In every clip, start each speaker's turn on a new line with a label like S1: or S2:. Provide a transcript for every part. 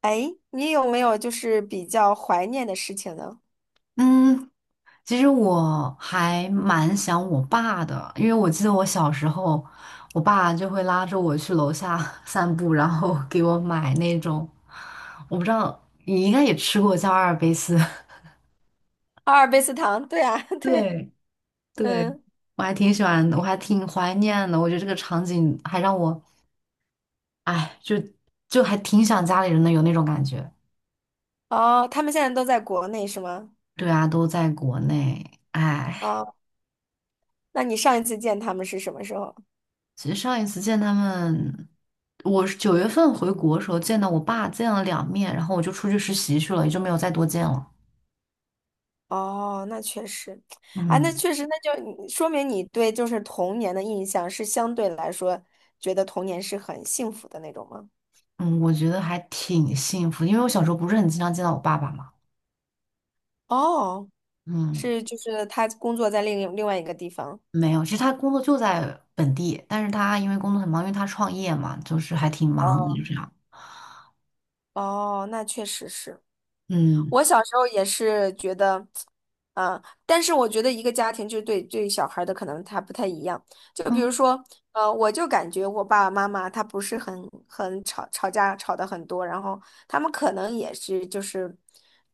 S1: 哎，你有没有就是比较怀念的事情呢？
S2: 嗯，其实我还蛮想我爸的，因为我记得我小时候，我爸就会拉着我去楼下 散步，然后 给我买那种，我不知道你应该也吃过叫阿尔卑斯，
S1: 阿尔卑斯糖，对啊，对，
S2: 对对，
S1: 嗯，
S2: 我还挺喜欢的，我还挺怀念的。我觉得这个场景还让我，哎，就还挺想家里人的，有那种感觉。
S1: 哦，他们现在都在国内是吗？
S2: 对啊，都在国内，哎。
S1: 哦，那你上一次见他们是什么时候？
S2: 其实上一次见他们，我是9月份回国的时候见到我爸，见了2面，然后我就出去实习去了，也就没有再多见了。
S1: 哦，那确实，啊，那
S2: 嗯
S1: 确实，那就你说明你对就是童年的印象是相对来说觉得童年是很幸福的那种吗？
S2: 嗯，我觉得还挺幸福的因为我小时候不是很经常见到我爸爸嘛。
S1: 哦，
S2: 嗯，
S1: 是就是他工作在另外一个地方。
S2: 没有，其实他工作就在本地，但是他因为工作很忙，因为他创业嘛，就是还挺忙的，
S1: 哦，
S2: 就这样。
S1: 哦，那确实是。
S2: 嗯
S1: 我小时候也是觉得，但是我觉得一个家庭就是对小孩儿的可能他不太一样。就比
S2: 嗯
S1: 如说，我就感觉我爸爸妈妈他不是很吵架吵得很多，然后他们可能也是就是，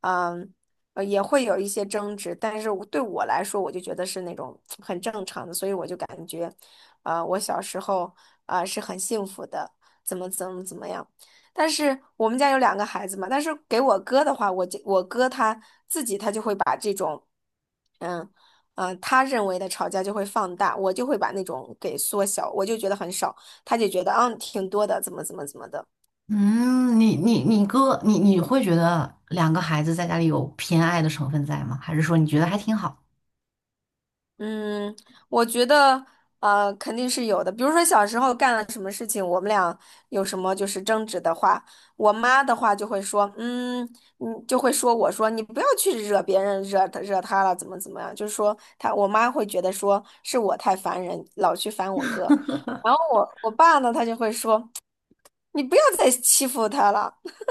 S1: 嗯、也会有一些争执，但是对我来说，我就觉得是那种很正常的，所以我就感觉，我小时候是很幸福的，怎么样。但是我们家有两个孩子嘛，但是给我哥的话，我哥他自己他就会把这种，嗯他认为的吵架就会放大，我就会把那种给缩小，我就觉得很少，他就觉得挺多的，怎么的。
S2: 嗯，你哥，你会觉得两个孩子在家里有偏爱的成分在吗？还是说你觉得还挺好？
S1: 嗯，我觉得肯定是有的。比如说小时候干了什么事情，我们俩有什么就是争执的话，我妈的话就会说，就会说我说你不要去惹别人，惹他了，怎么怎么样，就是说我妈会觉得说是我太烦人，老去烦我哥。然后我爸呢，他就会说你不要再欺负他了。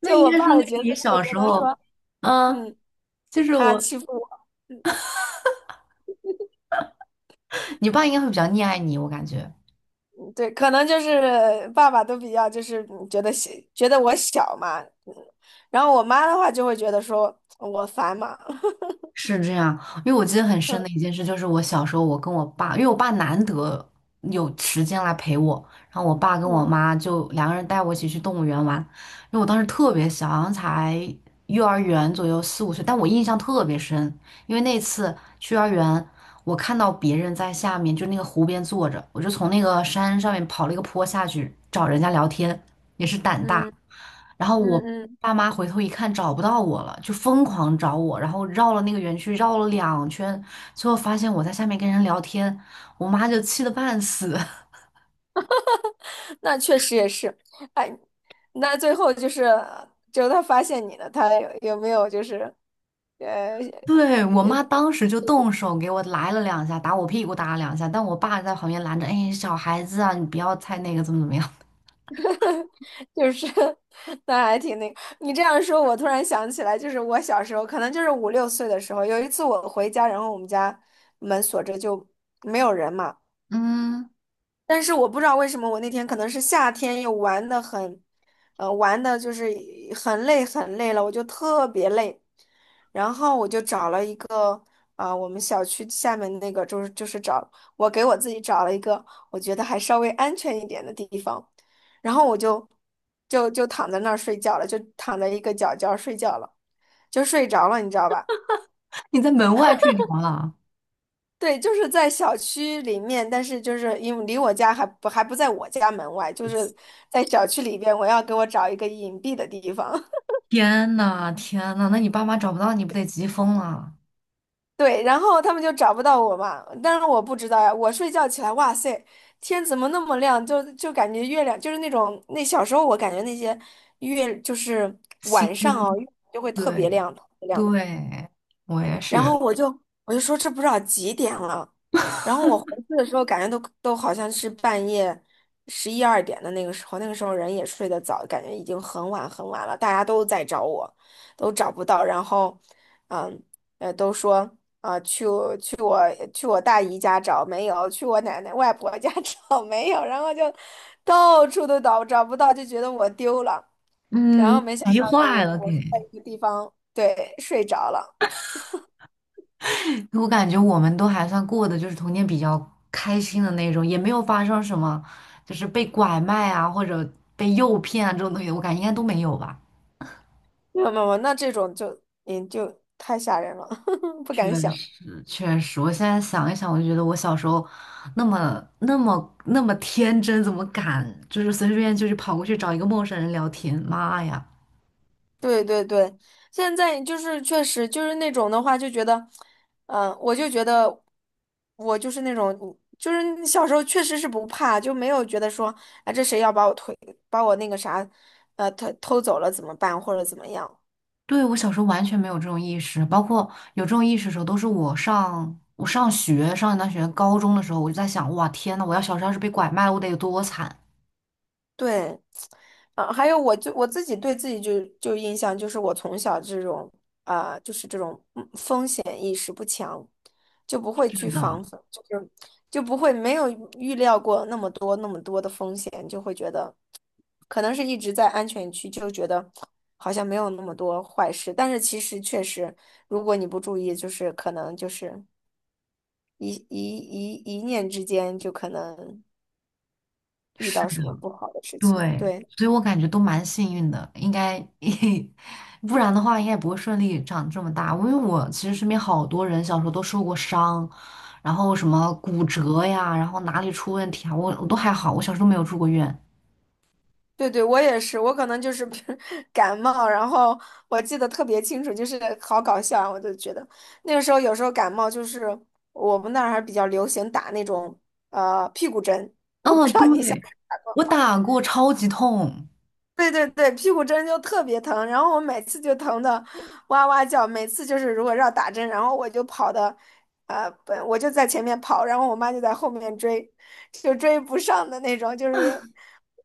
S2: 那
S1: 就
S2: 应
S1: 我
S2: 该说
S1: 爸的
S2: 明
S1: 角色
S2: 你
S1: 就会
S2: 小
S1: 觉
S2: 时
S1: 得
S2: 候，
S1: 说，
S2: 嗯，
S1: 嗯，
S2: 就是
S1: 他
S2: 我，
S1: 欺负我。嗯。
S2: 你爸应该会比较溺爱你，我感觉
S1: 对，可能就是爸爸都比较就是觉得小，觉得我小嘛，嗯然后我妈的话就会觉得说我烦嘛，
S2: 是这样。因为我记得很深的一件事，就是我小时候，我跟我爸，因为我爸难得有时间来陪我，然后我爸 跟我
S1: 嗯
S2: 妈就两个人带我一起去动物园玩。因为我当时特别小，好像才幼儿园左右，4、5岁，但我印象特别深，因为那次去幼儿园。我看到别人在下面，就那个湖边坐着，我就从那个山上面跑了一个坡下去找人家聊天，也是胆大。
S1: 嗯
S2: 然后
S1: 嗯
S2: 我
S1: 嗯，嗯，
S2: 爸妈回头一看找不到我了，就疯狂找我，然后绕了那个园区绕了2圈，最后发现我在下面跟人聊天，我妈就气得半死。
S1: 那确实也是，哎，那最后就是他发现你了，有没有就是呃
S2: 对，我
S1: 呃，
S2: 妈当时就动手给我来了两下，打我屁股打了两下，但我爸在旁边拦着，哎，小孩子啊，你不要太那个，怎么怎么样？
S1: 就是 那还挺那个，你这样说，我突然想起来，就是我小时候可能就是五六岁的时候，有一次我回家，然后我们家门锁着就没有人嘛。
S2: 嗯，
S1: 但是我不知道为什么我那天可能是夏天又玩的很，玩的就是很累很累了，我就特别累，然后我就找了一个我们小区下面那个就是我给我自己找了一个我觉得还稍微安全一点的地方，然后我就躺在那儿睡觉了，就躺在一个角睡觉了，就睡着了，你知道吧？
S2: 你在门外睡着了。
S1: 对，就是在小区里面，但是就是因为离我家还不在我家门外，就是在小区里边，我要给我找一个隐蔽的地方。
S2: 天呐，天呐，那你爸妈找不到你不得急疯了？
S1: 对，然后他们就找不到我嘛，但是我不知道呀。我睡觉起来，哇塞，天怎么那么亮？就感觉月亮就是那种那小时候我感觉那些月就是
S2: 心
S1: 晚上
S2: 疯，
S1: 哦，就会特别
S2: 对
S1: 亮。
S2: 对，我也
S1: 然后
S2: 是，
S1: 我就说这不知道几点了，然后我 回去的时候感觉都好像是半夜十一二点的那个时候，那个时候人也睡得早，感觉已经很晚很晚了，大家都在找我，都找不到，然后嗯都说啊、去我去我去我大姨家找没有，去我奶奶外婆家 找没有，然后就到处都找不到，就觉得我丢了，然
S2: 嗯，
S1: 后没想
S2: 急
S1: 到就是我
S2: 坏了
S1: 我是在
S2: 给。
S1: 一个地方对睡着了。
S2: 我感觉我们都还算过的，就是童年比较开心的那种，也没有发生什么，就是被拐卖啊或者被诱骗啊这种东西，我感觉应该都没有吧。
S1: 没有没有，那这种就就太吓人了，不
S2: 确
S1: 敢想。
S2: 实，确实，我现在想一想，我就觉得我小时候那么、那么、那么天真，怎么敢就是随随便便就去跑过去找一个陌生人聊天？妈呀！
S1: 对对对，现在就是确实就是那种的话，就觉得，我就觉得我就是那种，就是你小时候确实是不怕，就没有觉得说啊这谁要把我那个啥，偷偷走了怎么办或者怎么样。
S2: 对，我小时候完全没有这种意识，包括有这种意识的时候，都是我上学上一段学高中的时候，我就在想，哇，天呐，我要小时候要是被拐卖了，我得有多惨！
S1: 对，啊，还有我自己对自己就印象就是我从小这种就是这种风险意识不强，就不会去防范，就是就不会没有预料过那么多那么多的风险，就会觉得可能是一直在安全区，就觉得好像没有那么多坏事，但是其实确实，如果你不注意，就是可能就是一念之间就可能遇
S2: 是。
S1: 到什么不好的事情，
S2: 对，
S1: 对。
S2: 所以我感觉都蛮幸运的，应该，不然的话应该也不会顺利长这么大。因为我其实身边好多人小时候都受过伤，然后什么骨折呀，然后哪里出问题啊，我都还好，我小时候都没有住过院。
S1: 对对，我也是，我可能就是比如 感冒，然后我记得特别清楚，就是好搞笑啊，我就觉得那个时候有时候感冒就是我们那儿还比较流行打那种屁股针，
S2: 嗯，对，我打过，超级痛。
S1: 对对对，屁股针就特别疼，然后我每次就疼的哇哇叫，每次就是如果要打针，然后我就跑的，我就在前面跑，然后我妈就在后面追，就追不上的那种，就是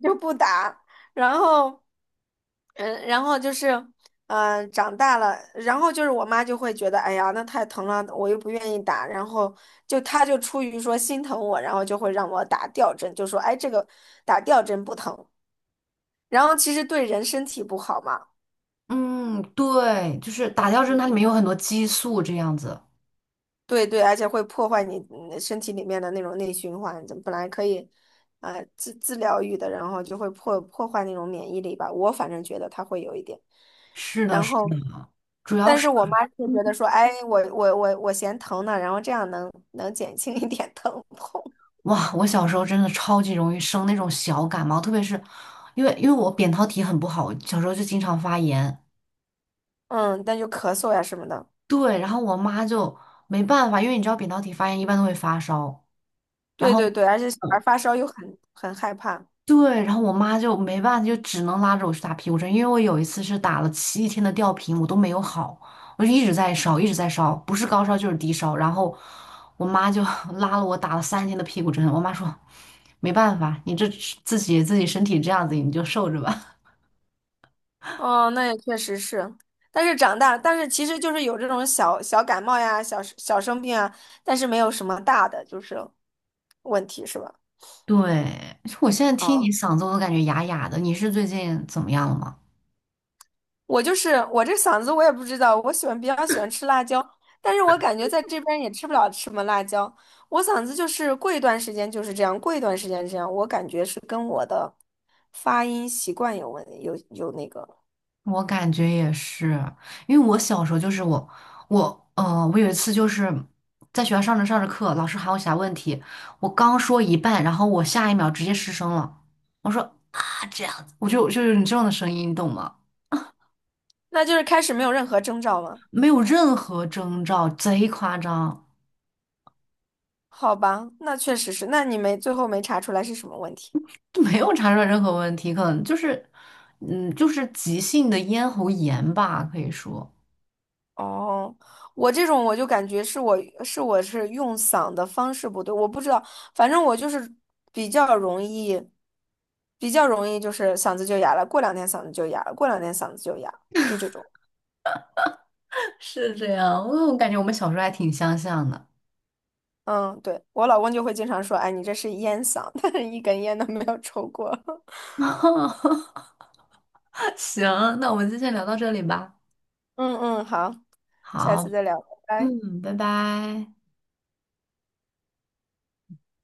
S1: 就不打，然后，然后就是，长大了，然后就是我妈就会觉得，哎呀，那太疼了，我又不愿意打，然后她就出于说心疼我，然后就会让我打吊针，就说，哎，这个打吊针不疼。然后其实对人身体不好嘛，
S2: 嗯，对，就是打吊针，它
S1: 嗯，
S2: 里面有很多激素，这样子。
S1: 对对，而且会破坏你身体里面的那种内循环，就本来可以，自疗愈的，然后就会破坏那种免疫力吧。我反正觉得它会有一点，
S2: 是的，
S1: 然
S2: 是
S1: 后，
S2: 的。
S1: 但是我妈就觉得说，哎，我嫌疼呢，然后这样能减轻一点疼痛，
S2: 哇，我小时候真的超级容易生那种小感冒，特别是因为我扁桃体很不好，小时候就经常发炎。
S1: 嗯，但就咳嗽呀什么的，
S2: 对，然后我妈就没办法，因为你知道扁桃体发炎一般都会发烧，然
S1: 对
S2: 后
S1: 对对，而且小孩
S2: 我
S1: 发烧又很害怕。
S2: 对，然后我妈就没办法，就只能拉着我去打屁股针，因为我有一次是打了7天的吊瓶，我都没有好，我就一直在烧，一直在烧，不是高烧就是低烧，然后我妈就 拉了我打了3天的屁股针，我妈说没办法，你这自己身体这样子，你就受着吧。
S1: 哦，那也确实是，但是长大，但是其实就是有这种小小感冒呀、小小生病啊，但是没有什么大的就是问题，是吧？
S2: 对，我现在听
S1: 啊，
S2: 你嗓子，我都感觉哑哑的。你是最近怎么样了吗？
S1: 我就是我这嗓子我也不知道，我比较喜欢吃辣椒，但是我感觉在这边也吃不了什么辣椒，我嗓子就是过一段时间就是这样，过一段时间这样，我感觉是跟我的发音习惯有问有有那个，
S2: 我感觉也是，因为我小时候就是我有一次就是在学校上着上着课，老师喊我写问题，我刚说一半，然后我下一秒直接失声了，我说啊这样子，我就是你这样的声音，你懂吗？
S1: 那就是开始没有任何征兆吗？
S2: 没有任何征兆，贼夸张，
S1: 好吧，那确实是，那你没最后没查出来是什么问题。
S2: 就没有查出来任何问题，可能就是，就是急性的咽喉炎吧，可以说。
S1: 哦，我这种我就感觉是我是我是用嗓的方式不对，我不知道，反正我就是比较容易，比较容易就是嗓子就哑了，过两天嗓子就哑了，过两天嗓子就哑了，就这种。
S2: 是这样，我感觉我们小时候还挺相像的。
S1: 嗯，对，我老公就会经常说，哎，你这是烟嗓，但是一根烟都没有抽过。
S2: 行，那我们今天聊到这里吧。
S1: 嗯嗯，好，下
S2: 好，
S1: 次再聊，拜拜。
S2: 嗯，拜拜。